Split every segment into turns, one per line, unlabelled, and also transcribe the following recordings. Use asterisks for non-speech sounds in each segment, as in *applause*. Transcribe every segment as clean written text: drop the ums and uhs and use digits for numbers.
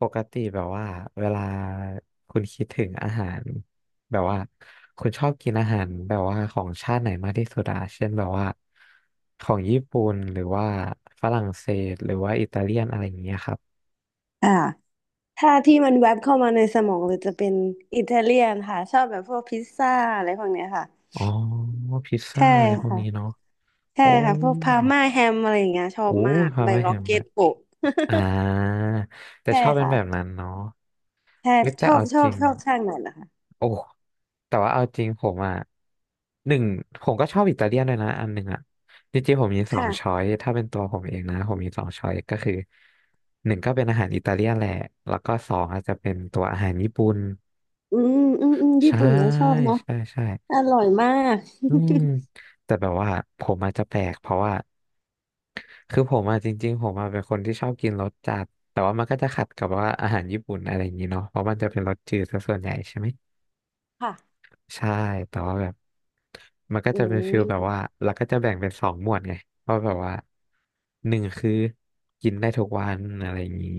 ปกติแบบว่าเวลาคุณคิดถึงอาหารแบบว่าคุณชอบกินอาหารแบบว่าของชาติไหนมากที่สุดอะเช่นแบบว่าของญี่ปุ่นหรือว่าฝรั่งเศสหรือว่าอิตาเลียนอะไรอย่างเงี้ยครับ
อ่าถ้าที่มันแวบเข้ามาในสมองเลยจะเป็นอิตาเลียนค่ะชอบแบบพวกพิซซ่าอะไรพวกเนี้ยค่ะ
อ๋อพิซซ่า
ใช่
อะไรพวก
ค่ะ
นี้เนาะ
ใช่
โอ้
ค่ะพวกพาม่าแฮมอะไรอย่างเงี้ยชอ
โอ้
บมาก
พา
ใบ
ร์มาแฮ
ล็อก
ม
เก็
ด้ว
ต
ย
โปะ
อ่า
*laughs*
แต่
ใช่
ชอบเป็น
ค่ะ
แบบนั้นเนาะ
ใช่
เอ้ย
ช
แต่
อบ
เอา
ช
จ
อบ
ริง
ชอบช่างไหนล่ะคะ
โอ้แต่ว่าเอาจริงผมอ่ะหนึ่งผมก็ชอบอิตาเลียนด้วยนะอันหนึ่งอ่ะจริงๆผมมีสองช้อ
ค่ะ
ยถ้าเป็นตัวผมเองนะผมมีสองช้อยก็คือหนึ่งก็เป็นอาหารอิตาเลียนแหละแล้วก็สองอาจจะเป็นตัวอาหารญี่ปุ่น
อืมอืมอืมญี่
ใช่
ปุ่นก็ชอบเนาะ
ใช่ใช่
อร่อยมาก
อืมแต่แบบว่าผมอาจจะแปลกเพราะว่าคือผมอะจริงๆผมอะเป็นคนที่ชอบกินรสจัดแต่ว่ามันก็จะขัดกับว่าอาหารญี่ปุ่นอะไรอย่างนี้เนาะเพราะมันจะเป็นรสจืดซะส่วนใหญ่ใช่ไหม
*laughs* ค่ะ
ใช่แต่ว่าแบบมันก็
อื
จะเป็นฟิลแบบ
ม
ว่าเราก็จะแบ่งเป็นสองหมวดไงเพราะแบบว่าหนึ่งคือกินได้ทุกวันอะไรอย่างนี้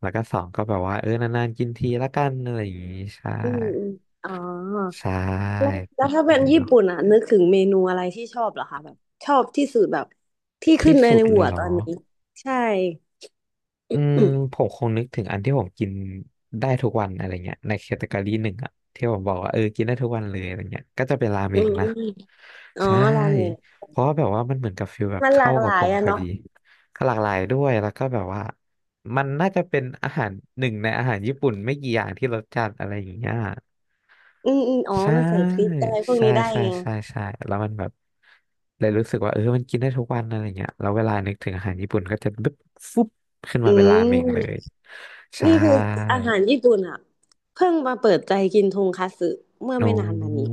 แล้วก็สองก็แบบว่าเออนานๆกินทีละกันอะไรอย่างนี้ ใช่
อืมอืมอ๋อ
ใช่
แล้ว
ค
แล้
รั
ว
บ
ถ้าเป็นญี่
เนาะ
ปุ่นอ่ะนึกถึงเมนูอะไรที่ชอบเหรอคะแบบชอบที่สุดแบบที่ขึ้
ที่
นใน
สุ
ใน
ดเล
หั
ย
ว
เหร
ตอ
อ
นนี้ใช่
อืม
อืม
ผมคงนึกถึงอันที่ผมกินได้ทุกวันอะไรเงี้ยในแคตตากรีหนึ่งอะที่ผมบอกว่าเออกินได้ทุกวันเลยอะไรเงี้ยก็จะเป็นราเม
อื
ง
มอ
นะ
มอ๋อ
ใช่
ราเมง
เพราะว่าแบบว่ามันเหมือนกับฟิลแบบ
มันหลา
เข้า
กห
กับ
ลา
ผ
ย
ม
อะ
พอ
เนาะ
ดีก็หลากหลายด้วยแล้วก็แบบว่ามันน่าจะเป็นอาหารหนึ่งในอาหารญี่ปุ่นไม่กี่อย่างที่รสจัดอะไรอย่างเงี้ย
อืมอืมอ๋อ
ใช่
มันใส่พริกอะไรพวก
ใช่
นี้ได้
ใช่
ไง
ใช่ใช่แล้วมันแบบเลยรู้สึกว่าเออมันกินได้ทุกวันอะไรเงี้ยแล้วเวลานึกถึงอาหารญี่ปุ่นก็จะบึ๊บฟุบขึ้น
อื
มาเป็นราเมงเลย
ม
ใช่
นี่คืออาหารญี่ปุ่นอ่ะเพิ่งมาเปิดใจกินทงคัตสึเมื่อไม่
โอ้
นานมานี้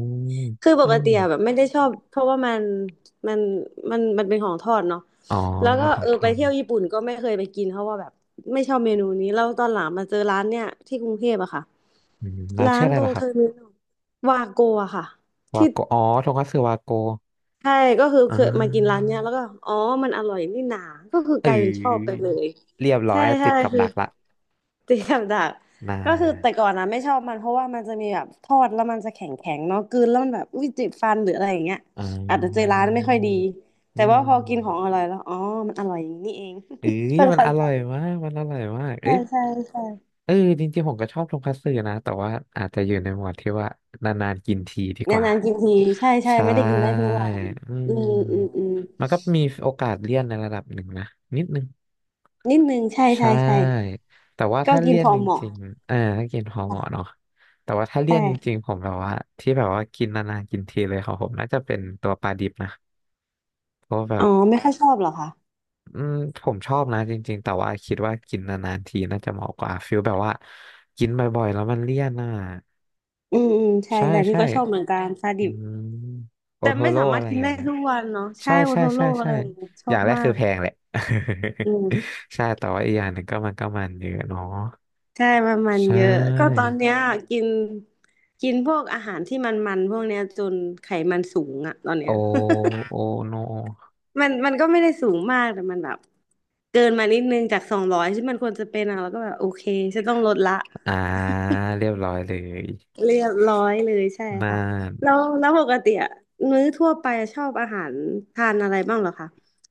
คือป
อ้า
กติ
ว
อะแบบไม่ได้ชอบเพราะว่ามันมันมันเป็นของทอดเนาะ
อ๋อ
แล้วก็
เป็นขอ
เอ
ง
อ
ทอ
ไป
ด
เที่
เน
ยว
อะ
ญี่ปุ่นก็ไม่เคยไปกินเพราะว่าแบบไม่ชอบเมนูนี้แล้วตอนหลังมาเจอร้านเนี่ยที่กรุงเทพอะค่ะ
อืมร้าน
ร้า
ชื่อ
น
อะไร
ตรง
ล่ะค
เท
รั
อร์
บ
มินอลวาโกอะค่ะ
วา
ที่
โกอ๋อโทงคัตสึวาโก
ใช่ก็คือ
อ่
เคยมากินร้า
า
นเนี้ยแล้วก็อ๋อมันอร่อยนี่หนาก็คือ
เอ
กลายเป็นชอบไป
อ
เลย
เรียบร้อ
ใช่
ย
ใช่
ติดกับ
คือ
ดักละ
ตีกับดัก
น่า
ก็คือแต่ก่อนนะไม่ชอบมันเพราะว่ามันจะมีแบบทอดแล้วมันจะแข็งแข็งเนาะกลืนแล้วมันแบบอุ้ยเจ็บฟันหรืออะไรอย่างเงี้ย
อ่
อาจจะเจอ
า
ร้านไม่ค่อยดี
อื
แต่ว่าพอกินของ
ม
อร่อยแล้วอ๋อมันอร่อยอย่างนี้นี่เอง
เอ้
*laughs*
ย
เพิ่ง
มันอ
เข้าใจ
ร่อยมากมันอร่อยมากเอ้
ใช่
ย
ใช่ใช่
เออจริงๆผมก็ชอบทงคัตสึนะแต่ว่าอาจจะอยู่ในหมวดที่ว่านานๆกินทีดีกว่า
นานๆกินทีใช่ใช่
ใช่
ไม่ได้กินได้ทุกวัน
อื
อืมอืม
ม
อืม
มันก็มีโอกาสเลี่ยนในระดับหนึ่งนะนิดนึง
นิดนึงใช่
ใช
ใช่ใช่
่แต่ว่า
ก็
ถ้า
กิน
เลี่ยน
พอ
จ
เหมาะ
ริงๆเออถ้ากินพอเห
ค่ะ
มาะเนาะแต่ว่าถ้าเลี่ยนจ
ใช่
ริงๆผมแบบว่าที่แบบว่ากินนานๆกินทีเลยของผมน่าจะเป็นตัวปลาดิบนะเพราะว่าแบ
อ๋อ
บ
ไม่ค่อยชอบเหรอคะ
อืมผมชอบนะจริงๆแต่ว่าคิดว่ากินนานๆทีน่าจะเหมาะกว่าฟิลแบบว่ากินบ่อยๆแล้วมันเลี่ยนอ่ะ
อืมอืมใช่
ใช่
แต่นี่
ใช่
ก็ชอบเหมือนกันซา
อื
ดิ
มโอ
แต่
โท
ไม่
โร่
สามา
อะ
รถ
ไร
กิ
อ
น
ย่า
ได้
งเงี้ย
ทุกวันเนาะใช่
ใช่
โอ
ใช่
โทโร่
ใช่
อะ
ใช่
ไรอย่างเงี้ยช
อ
อ
ย่า
บ
งแรก
มา
คือ
ก
แพงแหละ
อืม
*laughs* ใช่แต่ว่าอีกอย่างหนึ่งก็มันก็มันเยอะเนาะ
ใช่มันมัน
ใช่
เยอะก็ตอนเนี้ยกินกินพวกอาหารที่มันมันพวกเนี้ยจนไขมันสูงอะตอน
โอ
เนี้ย
โอโน
*laughs* มันมันก็ไม่ได้สูงมากแต่มันแบบเกินมานิดนึงจาก200ที่มันควรจะเป็นอะแล้วก็แบบโอเคฉันต้องลดละ
อ่าเรียบร้อยเลย
เรียบร้อยเลยใช่
น่า
ค่ะแล้
น
วแล้วปกติอะมื้อทั่วไปชอบอาหารทานอะไรบ้างเหรอคะ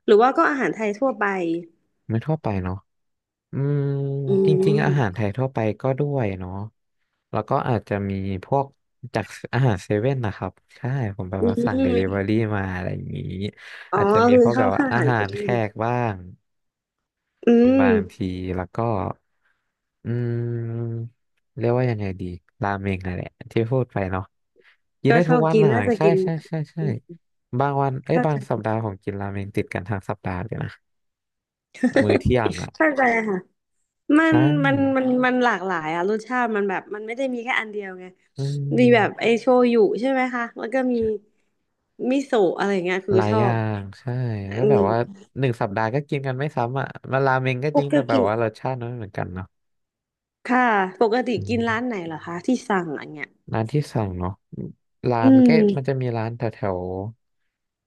หรือว่าก็อาหารไทยทั่วไป
ไม่ทั่วไปเนาะอืม
อื
จริงๆอาหารไท
ม
ยทั่วไปก็ด้วยเนาะ แล้วก็อาจจะมีพวกจากอาหารเซเว่นนะครับ ใช่ ผมแบบ
อื
ว่าสั่งเดลิเวอ
ม
รี่มาอะไรอย่างนี้
อ๋อ
อาจจะมี
คือ
พวก
ช
แบ
อบ
บว่า
ข้าว
อา
สาร
หาร
ปิ้
แข
ง
กบ้าง
อืม
บางทีแล้วก็อืมเรียกว่ายังไงดีราเมงนั่นแหละที่พูดไปเนาะกิน
ก็
ได้
ช
ทุ
อ
ก
บ
วัน
กิน
น่ะ
น่าจะ
ใช่
กินหม
ใช่
ด
ใช่ใช่
อืม
บางวัน เอ้ย
เข้า
บา
ใจ
งสัปดาห์ผมกินราเมงติดกันทั้งสัปดาห์เลยนะ มื้อ
*laughs*
เที่ยงอ่ะ
เข้าใจค่ะมัน
ใช่
มันหลากหลายอะรสชาติมันแบบมันไม่ได้มีแค่อันเดียวไง
อื
มีแบบไอ
ม
โชยุใช่ไหมคะแล้วก็มีมิโซะอะไรเงี้ยคื
ห
อ
ลาย
ช
อ
อ
ย่า
บ
งใช่ก็
อื
แบบว่า
ม
หนึ่งสัปดาห์ก็กินกันไม่ซ้ำอ่ะมาราเมงก็
ป
จริงแต่แบ
ก
บ
ติ
ว่ารสชาติมันไม่เหมือนกันเนาะ
ค่ะปกติ
อื
กินร้าน
ม
ไหนเหรอคะที่สั่งอันเนี้ย
ร้านที่สั่งเนาะร้า
อื
น
ม
ก็มันจะมีร้านแถวแถว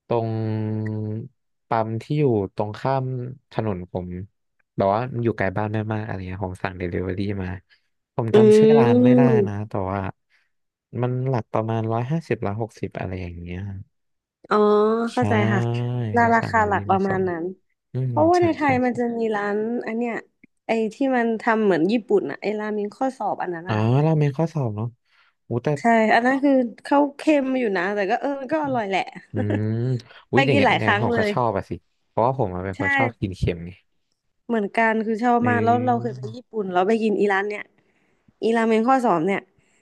ตรงปั๊มที่อยู่ตรงข้ามถนนผมแบบว่ามันอยู่ไกลบ้านแม่มากอะไรเงี้ยผมสั่งเดลิเวอรี่มาผม
อื
จำชื่อร้านไม่ได้นะ
ม
แต่ว่ามันหลักประมาณ150160อะไรอย่างเงี้ย
อ๋อเข้า
ใช่
ใจค่ะ
ก็
รา
สั่งเด
คา
ลิเวอ
หลั
รี่
กป
มา
ระมา
ส่
ณ
ง
นั้น
อืม
เพราะว่า
ใช่
ในไท
ใช่
ยมันจะมีร้านอันเนี้ยไอ้ที่มันทำเหมือนญี่ปุ่นอะไอ้ราเมงข้อสอบอันนั้น
อ๋อ
นะคะ
ราเมนข้อสอบเนาะอู้แต่
ใช่อันนั้นคือเขาเค็มอยู่นะแต่ก็เออก็อร่อยแหละ
อืม
*laughs*
อุ้
ไป
ยอย่าง
กิน
เงี้ย
หลายค
งาน
รั้ง
ผม
เล
ก็
ย
ชอบอะสิเพราะว่าผมอะเป็นค
ใช่
นชอบกินเค็มไง
เหมือนกันคือชอบ
เ
มากแล้วเราเค
ออ
ยไปญี่ปุ่นเราไปกินอีร้านเนี้ยอีราเมงข้อสอบเนี่ย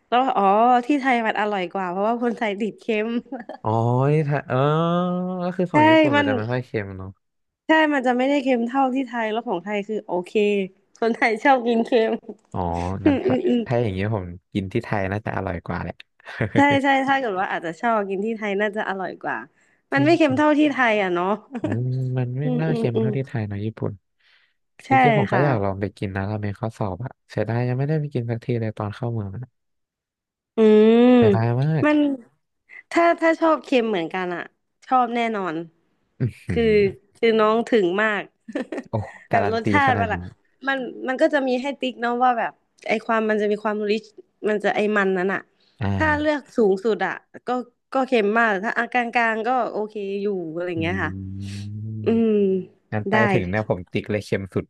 แล้วอ๋อที่ไทยมันอร่อยกว่าเพราะว่าคนไทยติดเค็ม
อ๋อนี่ถ้าเออก็คือ
*laughs*
ของ
ใช่
ญี่ปุ่นมั
มั
น
น
จะไม่ค่อยเค็มเนาะ
ใช่มันจะไม่ได้เค็มเท่าที่ไทยแล้วของไทยคือโอเคคนไทยชอบกินเค็ม
อ๋อ
*laughs* อื
งั้น
ม
ก็
อืมอืม
ถ้าอย่างเงี้ยผมกินที่ไทยน่าจะอร่อยกว่าแหละ
ใช่
*laughs*
ใช่ถ้าเกิดว่าอาจจะชอบกินที่ไทยน่าจะอร่อยกว่ามั
ที
นไม่เค็มเท่า
่
ที่ไทยอ่ะเนาะ
อืมมัน
*laughs*
ไม่
อืม
น่า
อืม
เค็ม
อื
เท่า
ม
ที่ไทยเนาะญี่ปุ่นจ
ใช่
ริงๆผมก็
ค่ะ
อยากลองไปกินนะราเมนข้อสอบอะเสียดายยังไม่ได้ไปกินสักทีเลยตอนเข้าเมืองอะ
อืม
เสียดายมาก
มันถ้าชอบเค็มเหมือนกันอ่ะชอบแน่นอน
อื
คือ
ม
คือน้องถึงมาก
โอ้
*laughs* แบ
กา
บ
รัน
รส
ตี
ชา
ข
ติ
นา
มั
ด
นอะ
นี้
มันมันก็จะมีให้ติ๊กเนาะว่าแบบไอความมันจะมีความริชมันจะไอมันนั้นอ่ะ
อ่
ถ้าเลือก
า
สูงสุดอ่ะก็ก็เค็มมากถ้าอ่ะกลางๆก็โอเคอยู่อะไรอย่า
อื
งเงี้ยค่ะอื
ม
ม
งั้นไป
ได้
ถึงเนี่ยผมติ๊กเลยเค็มสุด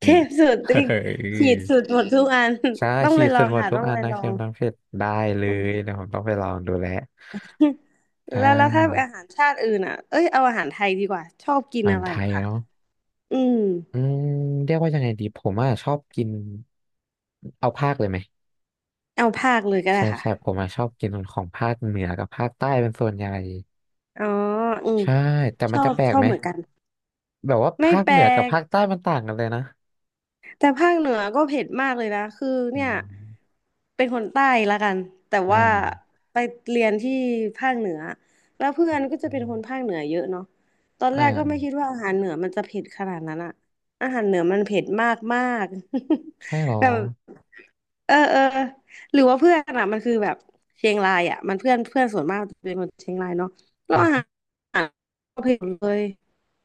เท
นี่
พสุดติ๊
*laughs*
ก
เฮ้ย
ขีดสุดหมดทุกอัน
ใช่
*laughs* ต้อง
ขี
ไป
ด
ล
ส่
อ
วน
ง
หมด
ค่ะ
ทุก
ต้อง
อัน
ไป
นะ
ลอ
เค็
ง
มน้ำเผ็ดได้เล
อื
ย
ม
เดี๋ยวผมต้องไปลองดูแลว
*laughs*
ใช่
แล้วถ้าอาหารชาติอื่นอ่ะเอ้ยเอาอาหารไทยดีกว่าชอบกิน
อาหาร
อะไร
ไท
เหรอ
ย
คะ
เนาะ
อืม
อืมเรียกว่ายังไงดีผมอ่ะชอบกินเอาภาคเลยไหม
เอาภาคเลยก็ได้
ใช่
ค่ะ
ใช่ผมอ่ะชอบกินของภาคเหนือกับภาคใต้เป็นส่วนใหญ่
อ๋ออืม
ใช่แต่
ช
มัน
อ
จะ
บ
แปล
ช
ก
อบ
ไหม
เหมือนกัน
แบบว่า
ไม่
ภาค
แป
เห
ล
นือกับ
ก
ภาคใต้มันต่างกันเลยนะ
แต่ภาคเหนือก็เผ็ดมากเลยนะคือ
อื
เนี่ย
ม
เป็นคนใต้ละกันแต่
อ่
ว่า
า
ไปเรียนที่ภาคเหนือแล้วเพื่อนก็จะเป็นคนภาคเหนือเยอะเนาะตอน
อ่
แรกก็ไม่คิด
า
ว่าอาหารเหนือมันจะเผ็ดขนาดนั้นอะอาหารเหนือมันเผ็ดมากมาก
ใช่หรอ
*laughs* แบบเออเออหรือว่าเพื่อนอะมันคือแบบเชียงรายอะมันเพื่อนเพื่อนส่วนมากจะเป็นคนเชียงรายเนาะแล้วอาหารเผ็ดเลย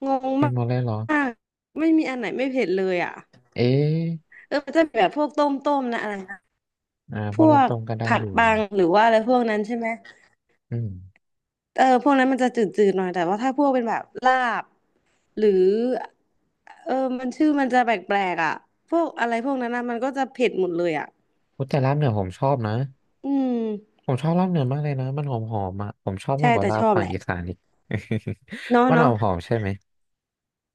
งง
เคน
มา
โบเล่เหรอ
กไม่มีอันไหนไม่เผ็ดเลยอ่ะ
เอ๊ะ
เออมันจะมีแบบพวกต้มต้มนะอะไรนะ
อ่า
พ
พอ
ว
ลงต
ก
รงก็ได้
ผั
อ
ด
ยู่
บังหรือว่าอะไรพวกนั้นใช่ไหม
อืม
เออพวกนั้นมันจะจืดๆหน่อยแต่ว่าถ้าพวกเป็นแบบลาบหรือเออมันชื่อมันจะแปลกๆอ่ะพวกอะไรพวกนั้นนะมันก็จะเผ็ดหมดเลยอ่ะ
พูดแต่ลาบเหนือผมชอบนะ
อืม
ผมชอบลาบเหนือมากเลยนะมันหอมหอมอ่ะผมชอบมา
ใช่
กกว่า
แต่
ลา
ช
บ
อบ
ฝั่
แห
ง
ละ
อีสานอีก
เนาะ
*laughs* มันหอ
เนาะ
มหอมใช่ไหม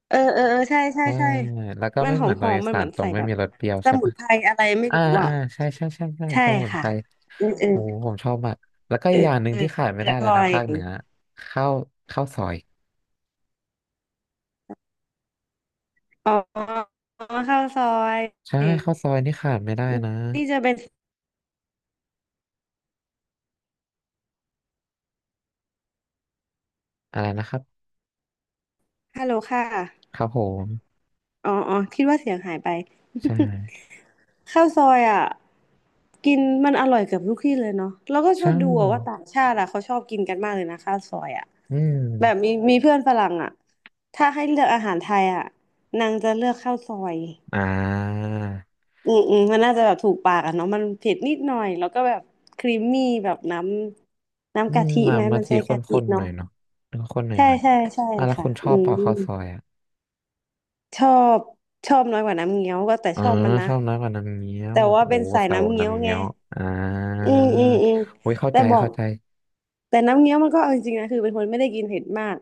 เออเออเออใช่ใช่
ใช่
ใช่
แล้วก็
มัน
ไม่
ห
เห
อ
มื
ม
อนต
ห
ร
อ
ง
ม
อี
มัน
สา
เหมื
น
อน
ตรง
ใส่
ไม่
แบบ
มีรสเปรี้ยว
ส
ใช่
มุน
ปะ
ไพรอะไรไม่
อ่า
รู้อ่ะ
อ่าใช่
ใช่
สมุนไพ
ค่ะ
ร
เออเออ
โอ้ผมชอบมากแล้วก็
เอ
อีกอ
อ
ย่างหนึ่
เอ
งที่
อ
ขาดไม่
อ
ได้เลย
ร่อ
นะ
ย
ภาคเหนือข้าวข้าวซอย
อ๋อข้าวซอย
ใช่ข้าวซอยนี่ขาดไม่ได้นะ
นี่จะเป็น
อะไรนะครับ
ฮัลโหลค่ะ
ครับผม
อ๋ออ๋อคิดว่าเสียงหายไป
ใช่
*laughs* ข้าวซอยอ่ะกินมันอร่อยเกือบทุกที่เลยเนาะแล้วก็ชอ
ใช่
บดูอะว่าต่างชาติอ่ะเขาชอบกินกันมากเลยนะข้าวซอยอ่ะ
อื
แบบ
ม
มีเพื่อนฝรั่งอ่ะถ้าให้เลือกอาหารไทยอ่ะนางจะเลือกข้าวซอย
อ่า
อืมอืมมันน่าจะแบบถูกปากอ่ะเนาะมันเผ็ดนิดหน่อย แล้วก็แบบครีมมี่แบบน้ำ
อื
น้ำกะ
ม
ทิ
มา
ไหม
มา
มัน
ที
ใช้
ข
กะทิ
้นๆห
เนาะ
น่อยเนาะข้นๆหน่อย
ใช่
หน่อย
ใช่ใช่
อ่ะแล้ว
ค่ะ
คุณช
อื
อบเปล่าข้าว
ม
ซอยอ่ะ
ชอบชอบน้อยกว่าน้ำเงี้ยวก็แต่
อ๋อ
ชอบมันนะ
ชอบน้ำกว่าน้ำเงี้ย
แต่
ว
ว่า
โอ้
เป็นสาย
สาวก
น้ำเงี้ยว
น้ำ
ไง
เงี้ยวอ่า
อืมอืมอืม
โอ้ยเข้า
แต่
ใจ
บอก
เข้าใจ
แต่น้ำเงี้ยวมันก็เอาจริงๆนะคือเป็นคนไม่ได้กินเผ็ดมาก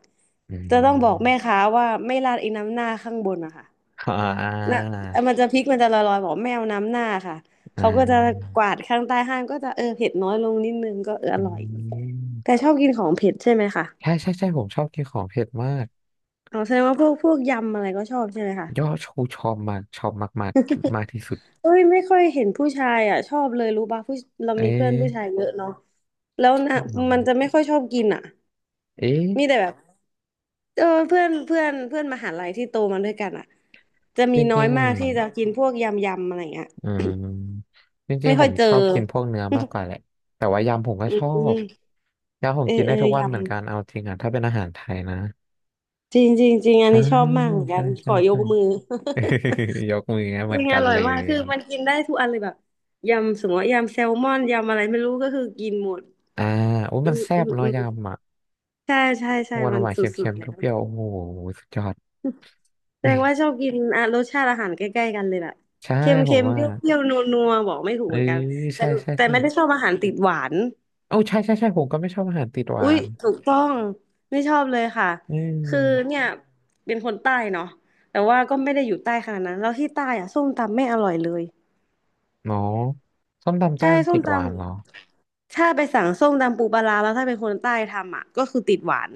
อื
จะต้องบอกแม่
ม
ค้าว่าไม่ราดไอ้น้ำหน้าข้างบนอะค่ะ
อ่าอ่
นะ
า
มันจะพริกมันจะลอยๆบอกไม่เอาน้ำหน้าค่ะ
อ่
เขาก็จะ
า
กวาดข้างใต้ห้างก็จะเออเผ็ดน้อยลงนิดนึงก็เอออ
อื
ร่อยแต่
ม
ชอบกินของเผ็ดใช่ไหมคะ
ใช่ผมชอบกินของเผ็ดมาก
อ๋อแสดงว่าพวกยำอะไรก็ชอบใช่ไหมคะ
ยอดชูชอบมากชอบมากมากมากที่สุด
เอ้ยไม่ค่อยเห็นผู้ชายอ่ะชอบเลยรู้ป่ะผู้เรา
เอ๊
มีเพื่อนผู้ชาย
ะ
เยอะเนาะแล้วนะ
หรอ
มันจะไม่ค่อยชอบกินอ่ะ
เอ๊ะ
มีแต่แบบเออเพื่อนเพื่อนเพื่อนมหาลัยที่โตมาด้วยกันอ่ะจะ
จ
มีน้อ
ริ
ย
งๆ
มา
อ่ะ
กที่จะกินพวกยำยำอะไรเงี้ย
อืมจ
*coughs*
ริง
ไม่
ๆผ
ค่อย
ม
เจอ
ชอบกินพวกเนื้อมาก
*laughs*
กว่าแหละแต่ว่ายำผมก็
อื
ชอบ
ม
ยำผม
เออ
กิน
เอ
ได้ทุก
อ
วันเหมือน
ย
กันเอาจริงอ่ะถ้าเป็นอาหารไทยนะ
ำจริงจริงจริงอัน
ใช่
นี้ชอบมากเหมือนกั
ใช่
นข
ใช่
อย
ใช่
กมือ
*laughs* ยกมือ
*laughs* จ
เหมือน
ริง
กั
อ
น
ร่อ
เล
ย
ย
มากคือ
นี่
มันกินได้ทุกอันเลยแบบยำสมมติว่ายำแซลมอนยำอะไรไม่รู้ก็คือกินหมด
อ่าอุ้ย
อื
มัน
ม
แซ่
อื
บเนอะ
ม
ยำอ่ะ
ใช่ใช่ใช่
หวาน
มัน
หวาน
ส
เค
ุ
็
ด
ม
ๆ
ๆ
แล้ว
เปรี้ยวๆโอ้โหสุดยอด
แสด
แม่
งว่าชอบกินอ่ะรสชาติอาหารใกล้ๆกันเลยแบบ
ใช่
เค็ม
ผ
เค็
ม
ม
ว่า
เปรี้ยวเปรี้ยวนัวนัวบอกไม่ถูก
เออ
เหมือนกันแต่
ใช่ใช่
แต่
ใช่
ไม่ได้ชอบอาหารติดหวาน
โอ้าใช่ผมก็ไม่ชอบอาหารติดห
อุ้
วา
ย
น
ถูกต้องไม่ชอบเลยค่ะ
อืม
คือเนี่ยเป็นคนใต้เนาะแต่ว่าก็ไม่ได้อยู่ใต้ขนาดนั้นแล้วที่ใต้อะส้มตำไม่อร่อยเลย
เนาะส้มตำแต้
ใช่
ม
ส้
ติ
ม
ด
ต
หวานเหรอ
ำถ้าไปสั่งส้มตำปูปลาร้าแล้วถ้าเป็นคนใต้ทำอ่ะก็คือติดหวาน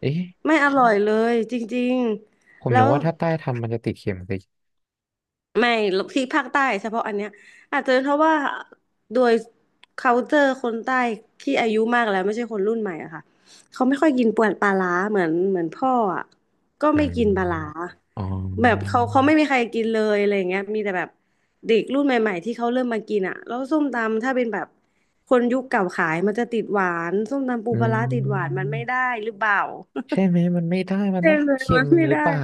เอ๊ะ
ไม่อร่อยเลยจริง
ผม
ๆ
นึ
แล้
ก
ว
ว่าถ้าใต้ทำมันจะติดเข็มสิ
ไม่ที่ภาคใต้เฉพาะอันเนี้ยอาจจะเป็นเพราะว่าโดย culture คนใต้ที่อายุมากแล้วไม่ใช่คนรุ่นใหม่อะค่ะเขาไม่ค่อยกินปวนปลาร้าเหมือนพ่ออะก็
อื
ไม่
ม
กินปลาร้า
อ๋อ
แบบเขาไม่มีใครกินเลยอะไรอย่างเงี้ยมีแต่แบบเด็กรุ่นใหม่ๆที่เขาเริ่มมากินอะแล้วส้มตำถ้าเป็นแบบคนยุคเก่าขายมันจะติดหวานส้มตำปู
อื
ปลาร้าติดหวานมันไม่
ม
ได้หรือเปล่า
ใช่ไหมมันไม่ได้
*laughs*
มัน
ใช่
ต้อง
เลย
เค็
มั
ม
นไม่
หรือ
ได้
เปล่า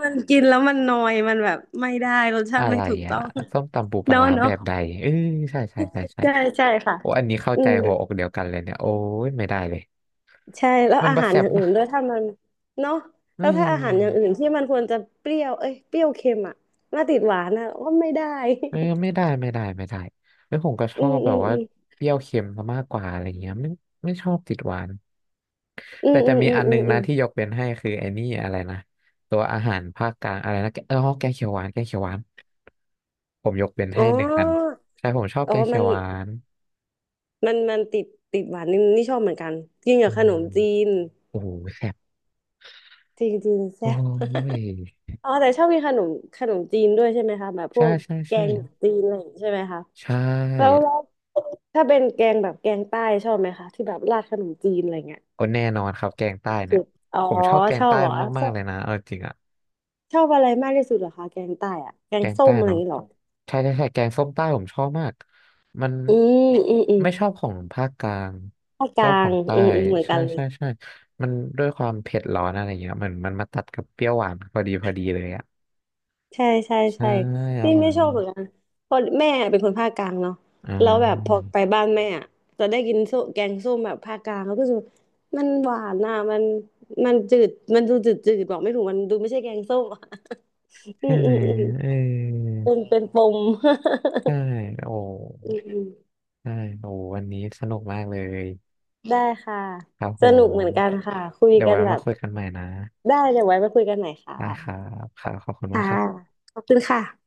มันกินแล้วมันนอยมันแบบไม่ได้รสชา
อะ
ติไม่
ไร
ถูก
อ่ะ
ต้อง
ส้มตำปูปลา
เนาะ
ร้าแบ
เนาะ
บใดเออใช่
ใช่ใช่ค่ะ
โอ้อันนี้เข้า
อื
ใจ
ม
หัวอกเดียวกันเลยเนี่ยโอ้ยไม่ได้เลย
ใช่แล้ว
มัน
อา
บะ
หาร
แส
อ
บ
ย่างอื่
นะ
นด้วยถ้ามันเนาะ
เอ
แล้วถ้าอาหารอย่าง
อ
อื่นที่มันควรจะเปรี้ยวเอ้ยเปรี้ยวเค็มอ่ะมาติดหวานอ่ะก็ไม่ได้
เออไม่ได้แล้วผมก็ช
*laughs* อื
อบ
ม
แบ
อื
บ
ม
ว่า
อื
เปรี้ยวเค็มซะมากกว่าอะไรเงี้ยไม่ชอบติดหวาน
มอื
แต่
มอื
จะ
ม
มี
อืม
อันห
อื
นึง
มอื
นะ
ม
ที่ยกเป็นให้คือไอ้นี่อะไรนะตัวอาหารภาคกลางอะไรนะแกเออแกงเขียวหวานแกงเขียวหวานผมยกเป็น
อ๋
ให้
อ
หนึ่งอันใช่ผมชอบ
อ๋
แก
อ
งเขี
มั
ยว
น
หวาน
มันมันติดติดหวานนี่นี่ชอบเหมือนกันกินกั
อื
บขนม
ม
จีน
โอ้โหแซ่บ
จริงจริง
โอ้
แซ่บ
ย
*laughs* อ๋อแต่ชอบกินขนมจีนด้วยใช่ไหมคะแบบพ
ใช่
วก
ใช่
แก
ใช่
งจีนอะไรอย่างงี้ใช่ไหมคะ
ใช
แล้ว
่
แล้วถ้าเป็นแกงแบบแกงใต้ชอบไหมคะที่แบบราดขนมจีนอะไรเงี้ย
โอ้แน่นอนครับแกงใต้
เผ็ด
เนี่ย
สุดอ๋อ
ผมชอบแก
ช
ง
อบ
ใต้
เหรอช
มาก
อ
ๆ
บ
เลยนะเอาจริงอะ
ชอบอะไรมากที่สุดเหรอคะแกงใต้อะแก
แก
ง
ง
ส้
ใต้
มอะไรอ
เนาะ
ย่างงี้เหรอ
ใช่แกงส้มใต้ผมชอบมากมัน
อืมอืมอืม
ไม่ชอบของภาคกลาง
ภาคก
ชอ
ลา
บข
ง
องใต้
อืมอืมเหมือน
ใช่
กันเลย
ใช่ใช่มันด้วยความเผ็ดร้อนอะไรเงี้ยเหมือนมันมาตัดกับเปรี้ยวหวานพอดีพอดีเลยอ่ะ
ใช่ใช่
ใช่
ใช่
อ
นี่
ร่อย
ไม่ช
มา
อบเหมือน
ก
กันเพราะแม่เป็นคนภาคกลางเนาะ
อ่
แล้วแบบพ
า
อไปบ้านแม่อะจะได้กินส้มแกงส้มแบบภาคกลางแล้วก็รู้สึกว่ามันหวานน่ะมันมันจืดมันดูจืดจืดบอกไม่ถูกมันดูไม่ใช่แกงส้มอะ *laughs* อื
ใช่
ม
ไห
อื
ม
มอืม
เออ
เป็นปม *laughs*
ใช่โอ้
อืม
ใช่โอ้วันนี้สนุกมากเลย
*laughs* ได้ค่ะ
ครับผ
สนุกเหมือ
ม
นกันค่ะคุย
เดี๋ยว
กัน
ไว้
แบ
มา
บ
คุยกันใหม่นะ
ได้เดี๋ยวไว้มาคุยกันใหม่ค่ะ
ได้ครับครับขอบคุณมา
ค่ะ
กครับ
ขอบคุณค่ะ